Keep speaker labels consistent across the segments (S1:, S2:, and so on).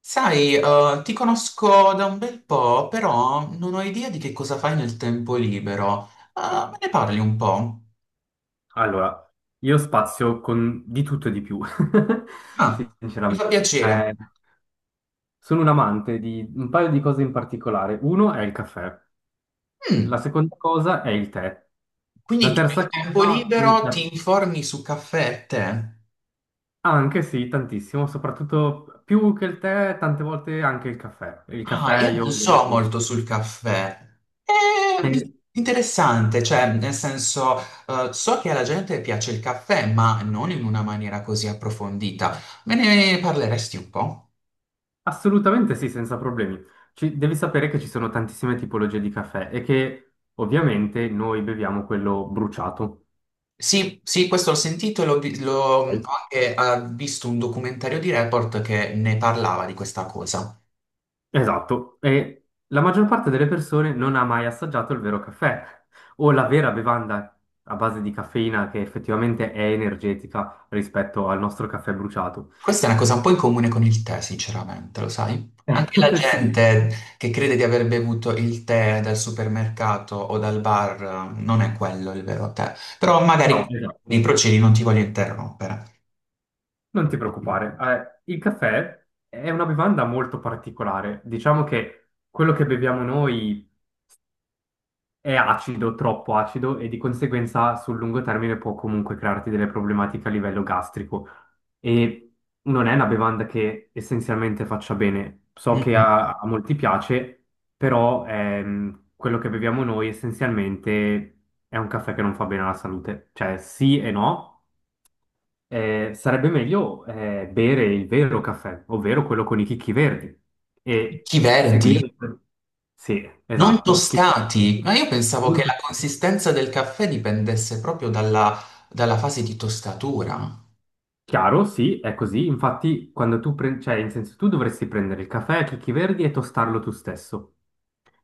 S1: Sai, ti conosco da un bel po', però non ho idea di che cosa fai nel tempo libero. Me ne parli un po'?
S2: Allora, io spazio con di tutto e di più,
S1: Ah, mi fa
S2: sinceramente.
S1: piacere.
S2: Sono un amante di un paio di cose in particolare. Uno è il caffè, la
S1: Mm,
S2: seconda cosa è il tè. La
S1: quindi tu nel
S2: terza
S1: tempo
S2: cosa, il
S1: libero
S2: tè.
S1: ti informi su caffè e tè?
S2: Anche sì, tantissimo, soprattutto più che il tè, tante volte anche il caffè. Il
S1: Ah,
S2: caffè
S1: io
S2: io
S1: non
S2: lo
S1: so
S2: adoro.
S1: molto sul caffè. È
S2: Eh,
S1: interessante, cioè, nel senso, so che alla gente piace il caffè, ma non in una maniera così approfondita. Me ne parleresti un po'?
S2: assolutamente sì, senza problemi. Devi sapere che ci sono tantissime tipologie di caffè e che ovviamente noi beviamo quello bruciato.
S1: Sì, sì, questo l'ho sentito e ho
S2: Ok?
S1: anche visto un documentario di Report che ne parlava di questa cosa.
S2: Esatto, e la maggior parte delle persone non ha mai assaggiato il vero caffè o la vera bevanda a base di caffeina che effettivamente è energetica rispetto al nostro caffè bruciato.
S1: Questa è una cosa un po' in comune con il tè, sinceramente, lo sai? Anche la
S2: Sì,
S1: gente che crede di aver bevuto il tè dal supermercato o dal bar, non è quello il vero tè. Però magari
S2: no,
S1: i
S2: esatto.
S1: procedi non ti voglio interrompere.
S2: Non ti preoccupare, il caffè è una bevanda molto particolare. Diciamo che quello che beviamo noi è acido, troppo acido e di conseguenza sul lungo termine può comunque crearti delle problematiche a livello gastrico. E non è una bevanda che essenzialmente faccia bene. So che
S1: Mhm.
S2: a molti piace, però quello che beviamo noi essenzialmente è un caffè che non fa bene alla salute. Cioè sì e no, sarebbe meglio bere il vero caffè, ovvero quello con i chicchi verdi, e
S1: Chi verdi?
S2: seguire... Sì,
S1: Non
S2: esatto, chicchi verdi.
S1: tostati, ma io pensavo che la
S2: Molto facile.
S1: consistenza del caffè dipendesse proprio dalla fase di tostatura.
S2: Chiaro, sì, è così. Infatti, quando tu prendi, cioè, in senso, tu dovresti prendere il caffè a chicchi verdi e tostarlo tu stesso.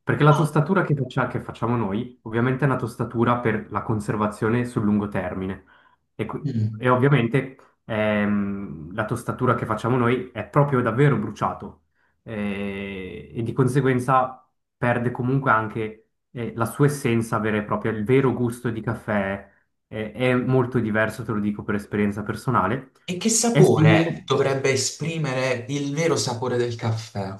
S2: Perché la
S1: Ah,
S2: tostatura che, che facciamo noi, ovviamente, è una tostatura per la conservazione sul lungo termine. E,
S1: mm.
S2: e ovviamente, la tostatura che facciamo noi è proprio davvero bruciato. E di conseguenza perde comunque anche, la sua essenza vera e propria, il vero gusto di caffè è molto diverso, te lo dico per esperienza personale.
S1: E che
S2: È
S1: sapore
S2: simile,
S1: dovrebbe esprimere il vero sapore del caffè?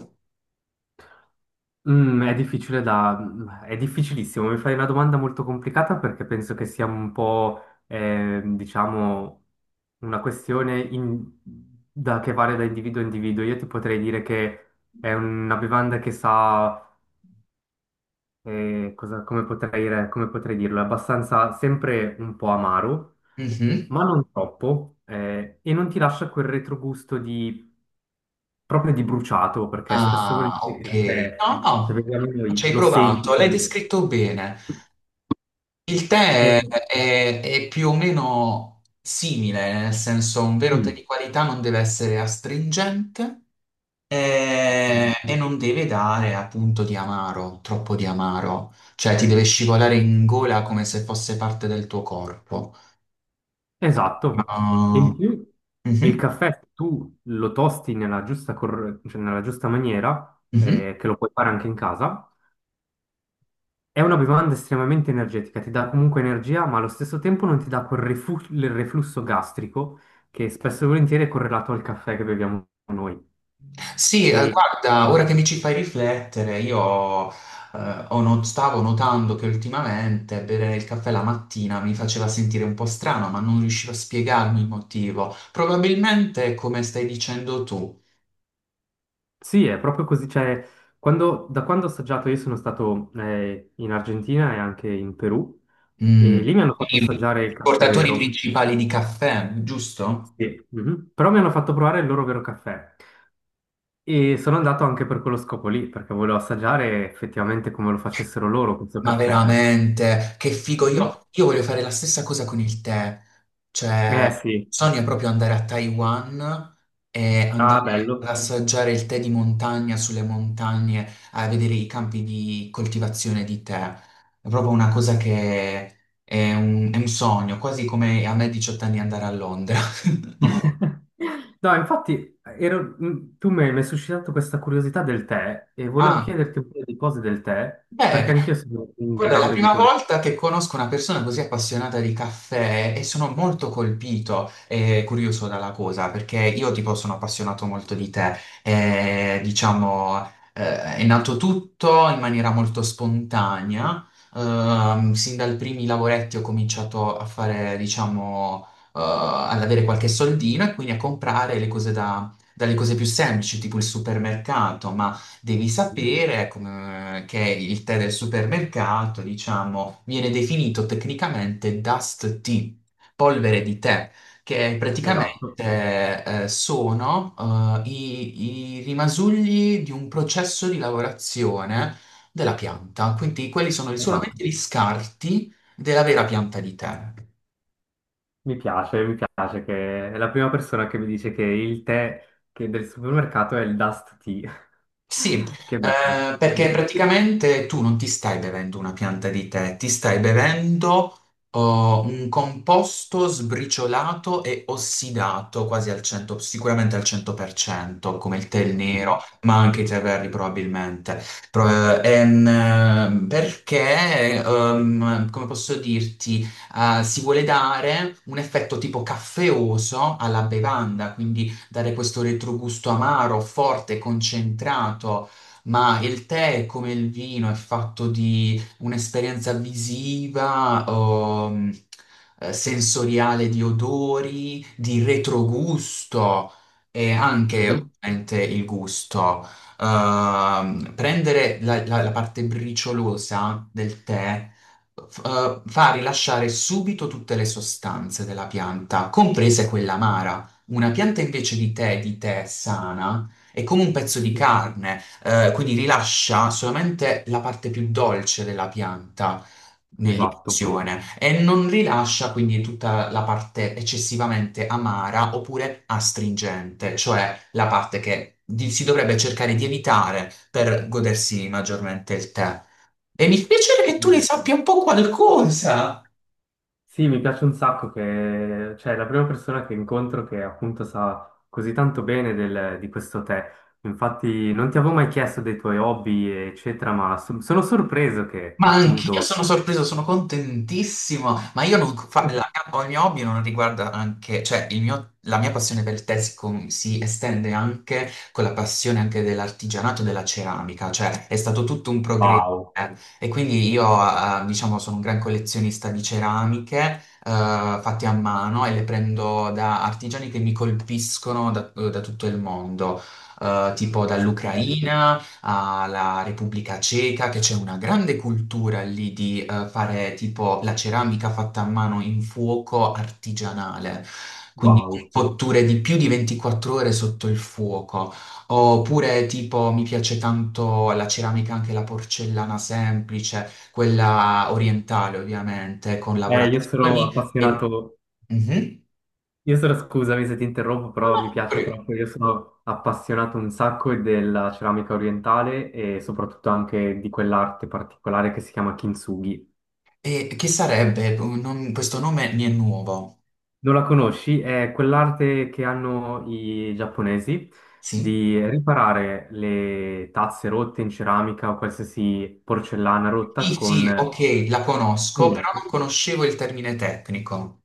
S2: mm, è difficile da, è difficilissimo. Mi fai una domanda molto complicata perché penso che sia un po', diciamo, una questione che varia da individuo a individuo. Io ti potrei dire che è una bevanda che sa, come potrei come potrei dirlo, è abbastanza sempre un po' amaro
S1: Mhm.
S2: ma non troppo, e non ti lascia quel retrogusto di proprio di bruciato, perché spesso e
S1: Ah, ok.
S2: volentieri, ok,
S1: No,
S2: se
S1: no,
S2: vediamo noi,
S1: ci hai
S2: lo senti.
S1: provato, l'hai descritto bene. Il tè
S2: E-
S1: è più o meno simile, nel senso un vero tè
S2: mm,
S1: di qualità non deve essere astringente, e non deve dare appunto di amaro, troppo di amaro, cioè ti deve scivolare in gola come se fosse parte del tuo corpo.
S2: Esatto. E
S1: Ah,
S2: in più il
S1: mhm.
S2: caffè, se tu lo tosti nella giusta, cioè nella giusta maniera,
S1: Mhm.
S2: che lo puoi fare anche in casa, è una bevanda estremamente energetica, ti dà comunque energia, ma allo stesso tempo non ti dà il reflusso gastrico che spesso e volentieri è correlato al caffè che beviamo noi.
S1: Sì,
S2: E
S1: guarda, ora che mi ci fai riflettere, io ho not- stavo notando che ultimamente bere il caffè la mattina mi faceva sentire un po' strano, ma non riuscivo a spiegarmi il motivo. Probabilmente è come stai dicendo tu.
S2: sì, è proprio così, cioè, da quando ho assaggiato, io sono stato in Argentina e anche in Perù,
S1: Mm,
S2: e lì mi hanno fatto
S1: quindi
S2: assaggiare il caffè
S1: portatori
S2: vero,
S1: principali di caffè, giusto?
S2: sì, mhm. Però mi hanno fatto provare il loro vero caffè, e sono andato anche per quello scopo lì, perché volevo assaggiare effettivamente come lo facessero loro questo
S1: Ma
S2: caffè.
S1: veramente, che figo,
S2: Mhm.
S1: io voglio fare la stessa cosa con il tè, cioè
S2: Eh sì,
S1: sogno proprio andare a Taiwan e andare
S2: ah,
S1: ad
S2: bello.
S1: assaggiare il tè di montagna sulle montagne, a vedere i campi di coltivazione di tè. È proprio una cosa che è un sogno, quasi come a me a 18 anni andare a Londra.
S2: No, infatti, tu mi hai suscitato questa curiosità del tè, e volevo
S1: Ah,
S2: chiederti un paio di cose del tè, perché
S1: beh,
S2: anch'io sono un
S1: guarda, è
S2: gran
S1: la prima
S2: bevitore.
S1: volta che conosco una persona così appassionata di caffè e sono molto colpito e curioso dalla cosa, perché io tipo sono appassionato molto di tè. E, diciamo, è nato tutto in maniera molto spontanea. Sin dai primi lavoretti ho cominciato a fare, diciamo, ad avere qualche soldino e quindi a comprare le cose dalle cose più semplici, tipo il supermercato, devi sapere che il tè del supermercato, diciamo, viene definito tecnicamente dust tea, polvere di tè, che praticamente
S2: Esatto,
S1: sono i rimasugli di un processo di lavorazione della pianta, quindi quelli sono
S2: esatto.
S1: solamente gli scarti della vera pianta di tè.
S2: Mi piace che è la prima persona che mi dice che il tè che del supermercato è il Dust Tea.
S1: Sì,
S2: Che bello.
S1: perché
S2: Mhm,
S1: praticamente tu non ti stai bevendo una pianta di tè, ti stai bevendo oh, un composto sbriciolato e ossidato quasi al 100, sicuramente al 100%, come il tè nero,
S2: mhm,
S1: ma anche i tè verdi probabilmente. Pro- eh, ehm, perché, come posso dirti, si vuole dare un effetto tipo caffeoso alla bevanda, quindi dare questo retrogusto amaro, forte, concentrato, ma il tè, come il vino, è fatto di un'esperienza visiva, sensoriale di odori, di retrogusto e anche
S2: mhm,
S1: ovviamente il gusto. Prendere la parte briciolosa del tè f- fa rilasciare subito tutte le sostanze della pianta, comprese quella amara. Una pianta invece di tè sana, è come un pezzo di
S2: mhm.
S1: carne, quindi rilascia solamente la parte più dolce della pianta
S2: Esatto.
S1: nell'iniezione e non rilascia quindi tutta la parte eccessivamente amara oppure astringente, cioè la parte si dovrebbe cercare di evitare per godersi maggiormente il tè. E mi piacerebbe che tu ne
S2: Mhm.
S1: sappia un po' qualcosa.
S2: Sì, mi piace un sacco che, cioè, è la prima persona che incontro che appunto sa così tanto bene di questo tè. Infatti, non ti avevo mai chiesto dei tuoi hobby, eccetera, ma sono sorpreso che
S1: Ma anch'io
S2: appunto.
S1: sono sorpreso, sono contentissimo, ma io non fa- la, ho il mio hobby non riguarda anche, cioè la mia passione per il tè si, si estende anche con la passione anche dell'artigianato e della ceramica, cioè è stato tutto un progresso
S2: Wow.
S1: eh. E quindi io, diciamo, sono un gran collezionista di ceramiche fatte a mano e le prendo da artigiani che mi colpiscono da tutto il mondo, tipo
S2: Ok,
S1: dall'Ucraina alla Repubblica Ceca, che c'è una grande cultura lì di fare tipo la ceramica fatta a mano in fuoco artigianale, quindi con
S2: wow.
S1: cotture di più di 24 ore sotto il fuoco. Oppure tipo mi piace tanto la ceramica, anche la porcellana semplice, quella orientale ovviamente, con
S2: Io sono
S1: lavorazioni e...
S2: appassionato,
S1: Mhm.
S2: io sono, scusami se ti interrompo,
S1: No,
S2: però mi
S1: no,
S2: piace
S1: prego.
S2: troppo, io sono appassionato un sacco della ceramica orientale e soprattutto anche di quell'arte particolare che si chiama kintsugi.
S1: E che sarebbe? Questo nome mi è nuovo.
S2: Non la conosci? È quell'arte che hanno i giapponesi
S1: Sì.
S2: di riparare le tazze rotte in ceramica o qualsiasi porcellana rotta
S1: Sì, sì,
S2: con...
S1: ok, la conosco,
S2: Quello.
S1: però non conoscevo il termine tecnico.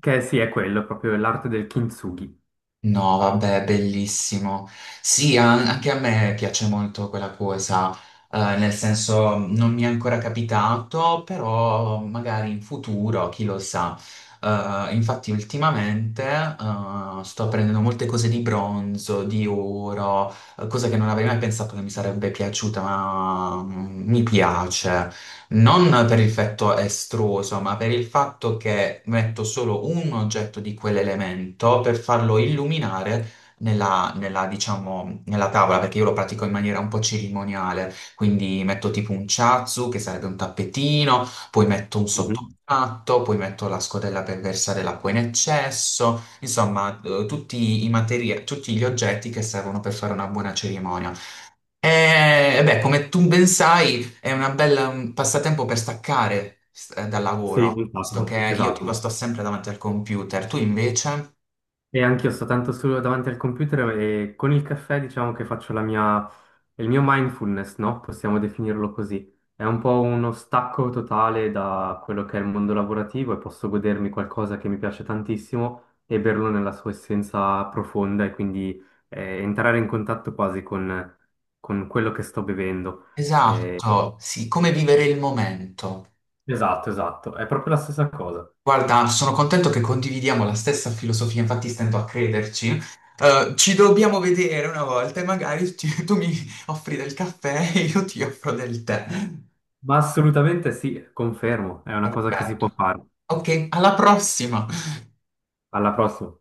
S2: Che sì, è quello, proprio l'arte del kintsugi.
S1: No, vabbè, bellissimo. Sì, anche a me piace molto quella cosa, nel senso non mi è ancora capitato, però magari in futuro, chi lo sa. Infatti ultimamente, sto prendendo molte cose di bronzo, di oro, cosa che non avrei mai pensato che mi sarebbe piaciuta, ma mi piace. Non per il fatto estruso, ma per il fatto che metto solo un oggetto di quell'elemento per farlo illuminare diciamo, nella tavola, perché io lo pratico in maniera un po' cerimoniale. Quindi metto tipo un chazu, che sarebbe un tappetino, poi metto un
S2: Mhm.
S1: sottopatto, poi metto la scodella per versare l'acqua in eccesso, insomma, tutti i tutti gli oggetti che servono per fare una buona cerimonia. E beh, come tu ben sai, è una bella, un passatempo per staccare dal
S2: Sì,
S1: lavoro,
S2: un
S1: visto
S2: sacco,
S1: che io tipo
S2: esatto.
S1: sto sempre davanti al computer, tu invece?
S2: E anch'io sto tanto solo davanti al computer e con il caffè diciamo che faccio la mia, il mio mindfulness, no? Possiamo definirlo così. È un po' uno stacco totale da quello che è il mondo lavorativo e posso godermi qualcosa che mi piace tantissimo e berlo nella sua essenza profonda e quindi entrare in contatto quasi con quello che sto bevendo. Eh,
S1: Esatto, sì, come vivere il momento.
S2: esatto, esatto, è proprio la stessa cosa.
S1: Guarda, sono contento che condividiamo la stessa filosofia, infatti stento a crederci. Ci dobbiamo vedere una volta e magari tu mi offri del caffè e io ti offro del tè.
S2: Ma assolutamente sì, confermo, è una cosa che si
S1: Perfetto.
S2: può fare.
S1: Ok, alla prossima!
S2: Alla prossima.